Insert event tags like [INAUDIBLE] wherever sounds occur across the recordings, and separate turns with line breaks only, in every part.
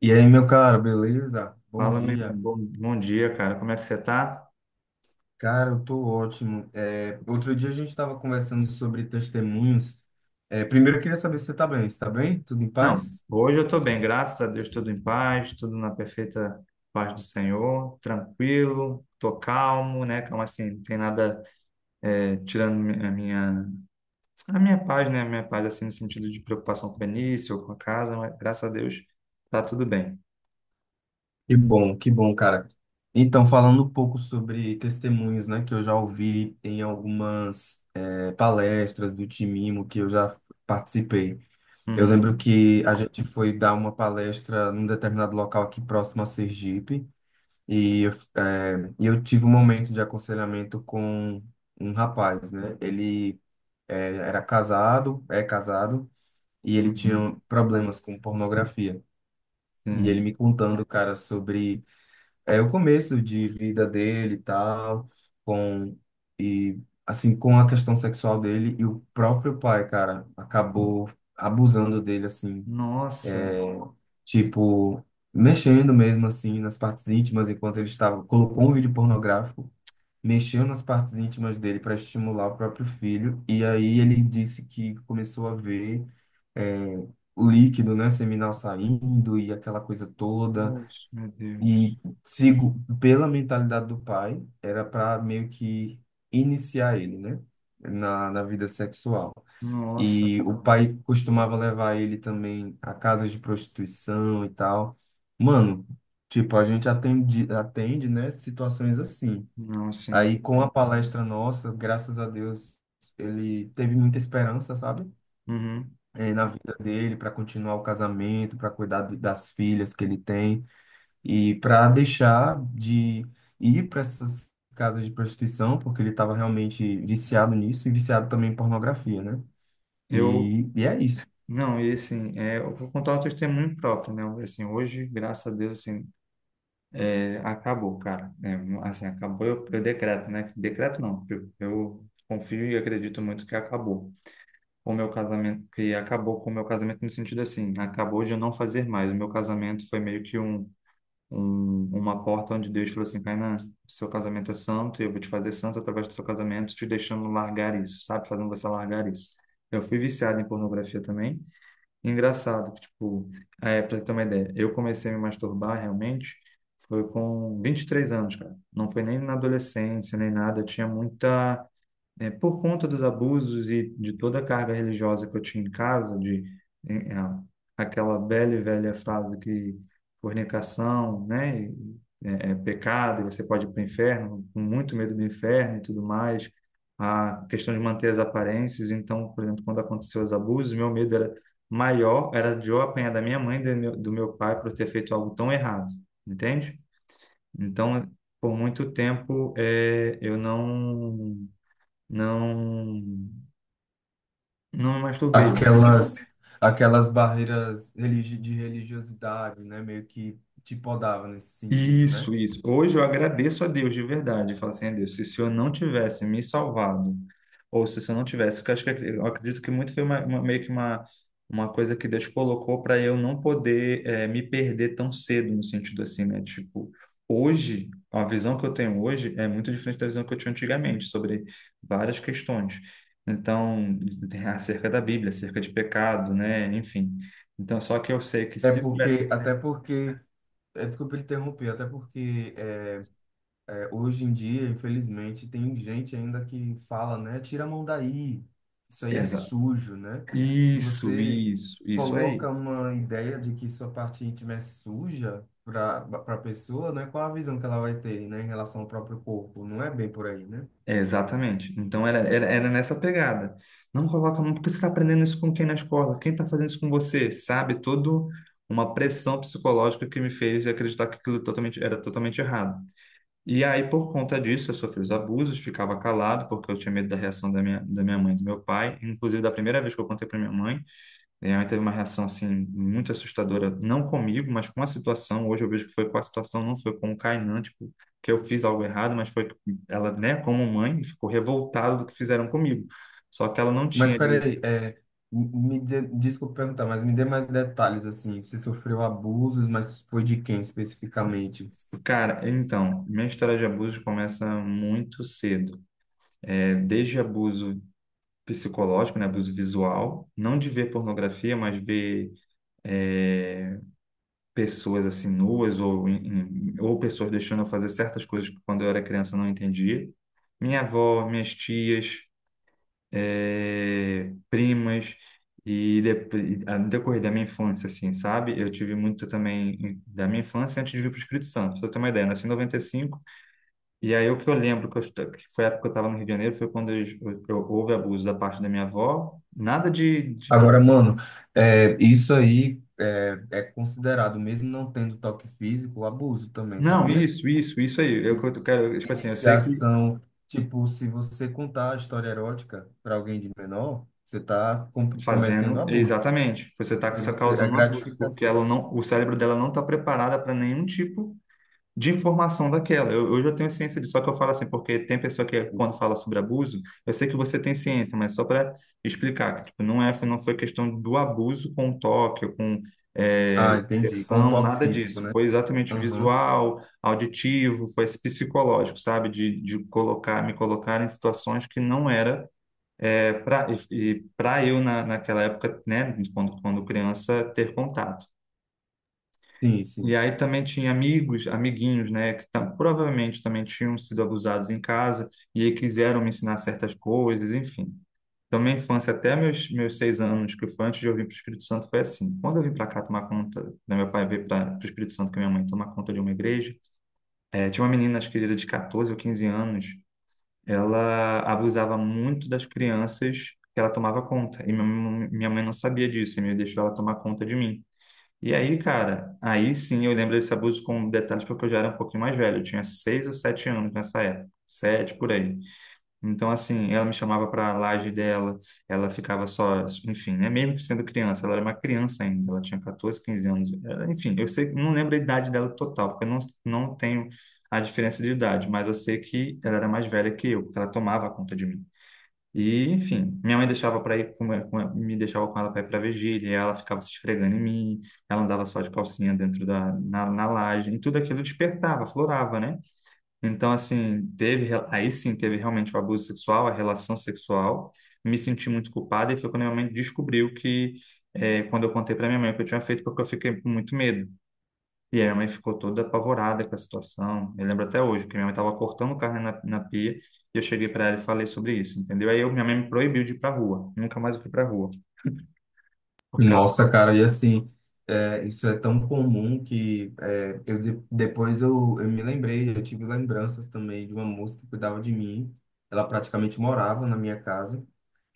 E aí, meu caro, beleza? Bom
Fala, meu irmão.
dia.
Bom dia, cara. Como é que você tá?
Cara, eu tô ótimo. É, outro dia a gente estava conversando sobre testemunhos. É, primeiro eu queria saber se você tá bem. Está bem? Tudo em
Não,
paz?
hoje eu tô bem, graças a Deus, tudo em paz, tudo na perfeita paz do Senhor, tranquilo, tô calmo, né? Calma assim, não tem nada tirando a minha paz, né? A minha paz, assim, no sentido de preocupação com o início ou com a casa, mas graças a Deus tá tudo bem.
Que bom, cara. Então, falando um pouco sobre testemunhos, né, que eu já ouvi em algumas palestras do Timimo que eu já participei. Eu lembro
Uhum,
que a gente foi dar uma palestra num determinado local aqui próximo a Sergipe. E eu, e eu tive um momento de aconselhamento com um rapaz, né? Ele era casado, é casado, e ele
uhum,
tinha problemas com pornografia. E ele
sim.
me contando, cara, sobre o começo de vida dele e tal, com, e assim, com a questão sexual dele, e o próprio pai, cara, acabou abusando dele, assim,
Nossa,
tipo, mexendo mesmo, assim, nas partes íntimas, enquanto ele estava, colocou um vídeo pornográfico, mexeu nas partes íntimas dele para estimular o próprio filho. E aí ele disse que começou a ver é, o líquido, né, seminal saindo e aquela coisa toda.
nossa, meu Deus.
E sigo, pela mentalidade do pai, era para meio que iniciar ele, né, na vida sexual.
Nossa,
E
cara.
o pai costumava levar ele também a casas de prostituição e tal. Mano, tipo, a gente atende, atende, né, situações assim.
Não, sim.
Aí, com a palestra nossa, graças a Deus, ele teve muita esperança, sabe?
Uhum.
Na vida dele, para continuar o casamento, para cuidar das filhas que ele tem e para deixar de ir para essas casas de prostituição, porque ele estava realmente viciado nisso e viciado também em pornografia, né?
Eu,
E é isso.
Não, e assim, é, eu vou contar o testemunho próprio, né? Assim, hoje, graças a Deus, assim, é, acabou, cara. É, assim, acabou, eu decreto, né? Decreto não, eu confio e acredito muito que acabou com o meu casamento, que acabou com o meu casamento no sentido assim, acabou de eu não fazer mais. O meu casamento foi meio que um, uma porta onde Deus falou assim, Kainan, seu casamento é santo, e eu vou te fazer santo através do seu casamento, te deixando largar isso, sabe? Fazendo você largar isso. Eu fui viciado em pornografia também. Engraçado, que, tipo, é, pra você ter uma ideia, eu comecei a me masturbar realmente foi com 23 anos, cara. Não foi nem na adolescência, nem nada. Eu tinha muita é, por conta dos abusos e de toda a carga religiosa que eu tinha em casa, de eh, a- aquela velha e velha frase que fornicação, né, é pecado e você pode ir para o inferno, com muito medo do inferno e tudo mais, a questão de manter as aparências. Então, por exemplo, quando aconteceu os abusos, meu medo era maior, era de eu apanhar da minha mãe e do meu pai por ter feito algo tão errado, entende? Então, por muito tempo, eu não não, não me masturbei.
Aquelas, aquelas barreiras religi de religiosidade, né? Meio que te podava nesse sentido, né?
Isso, isso. Hoje eu agradeço a Deus de verdade. Falo assim, a Deus, se o Senhor não tivesse me salvado, ou se o Senhor não tivesse, porque eu acho que eu acredito que muito foi uma, meio que uma coisa que Deus colocou para eu não poder me perder tão cedo, no sentido assim, né? Tipo, hoje, a visão que eu tenho hoje é muito diferente da visão que eu tinha antigamente sobre várias questões. Então, tem [LAUGHS] acerca da Bíblia, acerca de pecado, né? Enfim. Então, só que eu sei que
É
se eu tivesse.
porque, até porque. É, desculpa interromper, até porque é, hoje em dia, infelizmente, tem gente ainda que fala, né? Tira a mão daí, isso aí é sujo, né? Se
Isso,
você
isso, isso aí.
coloca uma ideia de que sua parte íntima é suja para a pessoa, né? Qual a visão que ela vai ter, né, em relação ao próprio corpo? Não é bem por aí, né?
É, exatamente. Então era, era, era nessa pegada. Não coloca a mão, porque você está aprendendo isso com quem na escola? Quem está fazendo isso com você? Sabe? Todo uma pressão psicológica que me fez acreditar que aquilo totalmente, era totalmente errado. E aí, por conta disso, eu sofri os abusos, ficava calado, porque eu tinha medo da reação da minha mãe e do meu pai. Inclusive, da primeira vez que eu contei para minha mãe, e ela teve uma reação assim muito assustadora, não comigo, mas com a situação. Hoje eu vejo que foi com a situação, não foi com o Kainan, tipo, que eu fiz algo errado, mas foi que ela, né, como mãe, ficou revoltada do que fizeram comigo. Só que ela não
Mas
tinha ali.
peraí, é, me dê, desculpa perguntar, mas me dê mais detalhes assim. Você sofreu abusos, mas foi de quem especificamente?
Cara, então, minha história de abuso começa muito cedo. É, desde abuso psicológico, né, abuso visual, não de ver pornografia, mas ver é, pessoas assim nuas ou ou pessoas deixando eu fazer certas coisas que quando eu era criança eu não entendia. Minha avó, minhas tias, primas e no decorrer da minha infância, assim, sabe? Eu tive muito também da minha infância antes de vir para o Espírito Santo. Pra você ter uma ideia, eu nasci em 95 e cinco e aí o que eu lembro que, que foi a época que eu estava no Rio de Janeiro foi quando eu houve abuso da parte da minha avó. Nada de,
Agora, mano, é, isso aí é, é considerado, mesmo não tendo toque físico, abuso também,
não,
sabia?
isso aí.
Isso.
Eu quero, tipo assim, eu sei que
Iniciação, tipo, se você contar a história erótica para alguém de menor, você está cometendo
fazendo,
abuso.
exatamente. Você está
E você, é
causando um abuso, porque
gratificação.
ela não, o cérebro dela não está preparada para nenhum tipo de informação daquela. Eu já tenho ciência disso, só que eu falo assim, porque tem pessoa que quando fala sobre abuso, eu sei que você tem ciência, mas só para explicar que tipo, não é, não foi questão do abuso com toque, ou com é,
Ah, entendi. Com
inserção,
toque
nada
físico,
disso.
né?
Foi exatamente
Aham.
visual, auditivo, foi esse psicológico, sabe? De colocar, me colocar em situações que não era é pra, e para eu, na, naquela época, né, quando, quando criança, ter contato.
Sim, sim.
E aí também tinha amigos, amiguinhos, né, que tam, provavelmente também tinham sido abusados em casa e aí quiseram me ensinar certas coisas, enfim. Então, minha infância, até meus, meus 6 anos, que foi antes de eu vir para o Espírito Santo, foi assim. Quando eu vim para cá tomar conta, né, meu pai veio para o Espírito Santo com minha mãe tomar conta de uma igreja, tinha uma menina, acho que era de 14 ou 15 anos, ela abusava muito das crianças que ela tomava conta. E minha mãe não sabia disso, e me deixou ela tomar conta de mim. E aí, cara, aí sim eu lembro desse abuso com detalhes porque eu já era um pouquinho mais velho. Eu tinha 6 ou 7 anos nessa época. 7, por aí. Então, assim, ela me chamava para a laje dela, ela ficava só, enfim, né? Mesmo que sendo criança, ela era uma criança ainda, ela tinha 14, 15 anos. Enfim, eu sei, não lembro a idade dela total, porque eu não, não tenho a diferença de idade, mas eu sei que ela era mais velha que eu, porque ela tomava conta de mim. E, enfim, minha mãe deixava para ir com, me deixava com ela para ir para vigília, e ela ficava se esfregando em mim, ela andava só de calcinha dentro da na, na laje, e tudo aquilo despertava, florava, né? Então, assim, teve, aí sim teve realmente o abuso sexual, a relação sexual. Me senti muito culpada e foi quando minha mãe descobriu que, quando eu contei para minha mãe o que eu tinha feito, porque eu fiquei com muito medo. E aí minha mãe ficou toda apavorada com a situação. Eu lembro até hoje que minha mãe estava cortando carne na, na pia e eu cheguei para ela e falei sobre isso, entendeu? Aí eu, minha mãe me proibiu de ir para rua. Nunca mais eu fui para rua. Porque ela,
Nossa, cara, e assim, é, isso é tão comum que é, eu depois eu me lembrei, eu tive lembranças também de uma moça que cuidava de mim. Ela praticamente morava na minha casa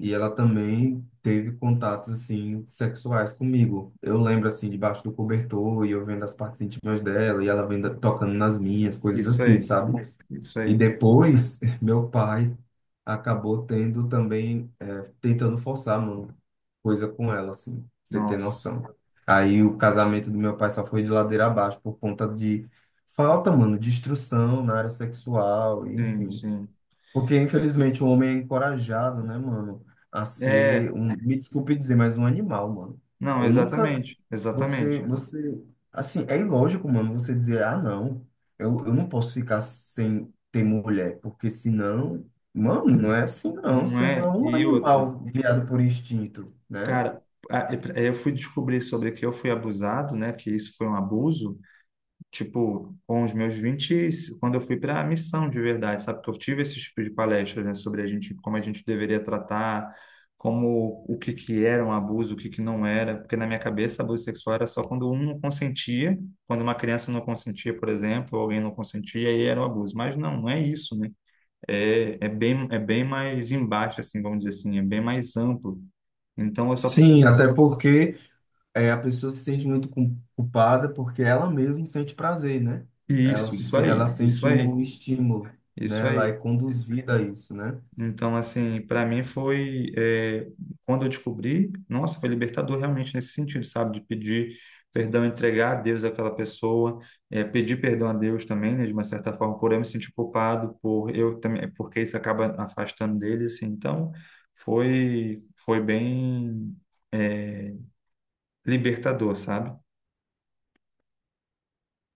e ela também teve contatos assim sexuais comigo. Eu lembro assim debaixo do cobertor e eu vendo as partes íntimas dela e ela vendo tocando nas minhas, coisas
isso
assim,
aí,
sabe?
isso
E
aí.
depois, [LAUGHS] meu pai acabou tendo também, é, tentando forçar, mano, coisa com ela, assim, pra você ter
Nossa,
noção. Aí o casamento do meu pai só foi de ladeira abaixo por conta de falta, mano, de instrução na área sexual,
sim,
enfim.
sim.
Porque, infelizmente, o homem é encorajado, né, mano, a ser
É,
um, me desculpe dizer, mas um animal, mano.
não,
Eu nunca,
exatamente, exatamente.
você, assim, é ilógico, mano, você dizer, ah, não, eu não posso ficar sem ter mulher, porque senão, mano, não é assim, não,
Não
você não é
é?
um
E outra.
animal guiado por instinto, né?
Cara, eu fui descobrir sobre que eu fui abusado, né? Que isso foi um abuso, tipo, com os meus 20 quando eu fui para a missão de verdade, sabe? Que eu tive esse tipo de palestra, né? Sobre a gente, como a gente deveria tratar, como o que que era um abuso, o que que não era. Porque na minha cabeça, abuso sexual era só quando um não consentia, quando uma criança não consentia, por exemplo, ou alguém não consentia, aí era um abuso. Mas não, não é isso, né? É bem mais embaixo, assim, vamos dizer assim, é bem mais amplo. Então, eu só fui...
Sim, até porque é, a pessoa se sente muito culpada porque ela mesma sente prazer, né? Ela
Isso,
se,
isso aí,
ela
isso
sente
aí,
o estímulo, né?
isso
Ela é
aí.
conduzida a isso, né?
Então, assim, para mim foi, é, quando eu descobri, nossa, foi libertador realmente nesse sentido, sabe? De pedir perdão, entregar a Deus aquela pessoa, pedir perdão a Deus também, né? De uma certa forma, por eu me sentir culpado, por eu também, porque isso acaba afastando dele, assim. Então, foi, foi bem, é, libertador, sabe?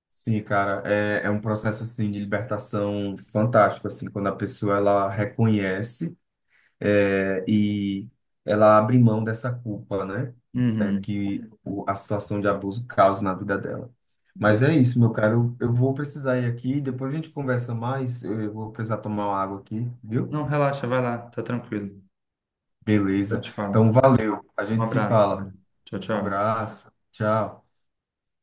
Sim, cara, é, é um processo assim de libertação fantástico, assim, quando a pessoa ela reconhece é, e ela abre mão dessa culpa, né? É,
Uhum.
que a situação de abuso causa na vida dela. Mas
Ex-
é isso, meu caro. Eu vou precisar ir aqui. Depois a gente conversa mais. Eu vou precisar tomar uma água aqui, viu?
Não, relaxa, vai lá, tá tranquilo. A
Beleza.
gente fala.
Então, valeu. A
Um
gente se
abraço, cara.
fala.
Tchau,
Um
tchau.
abraço. Tchau.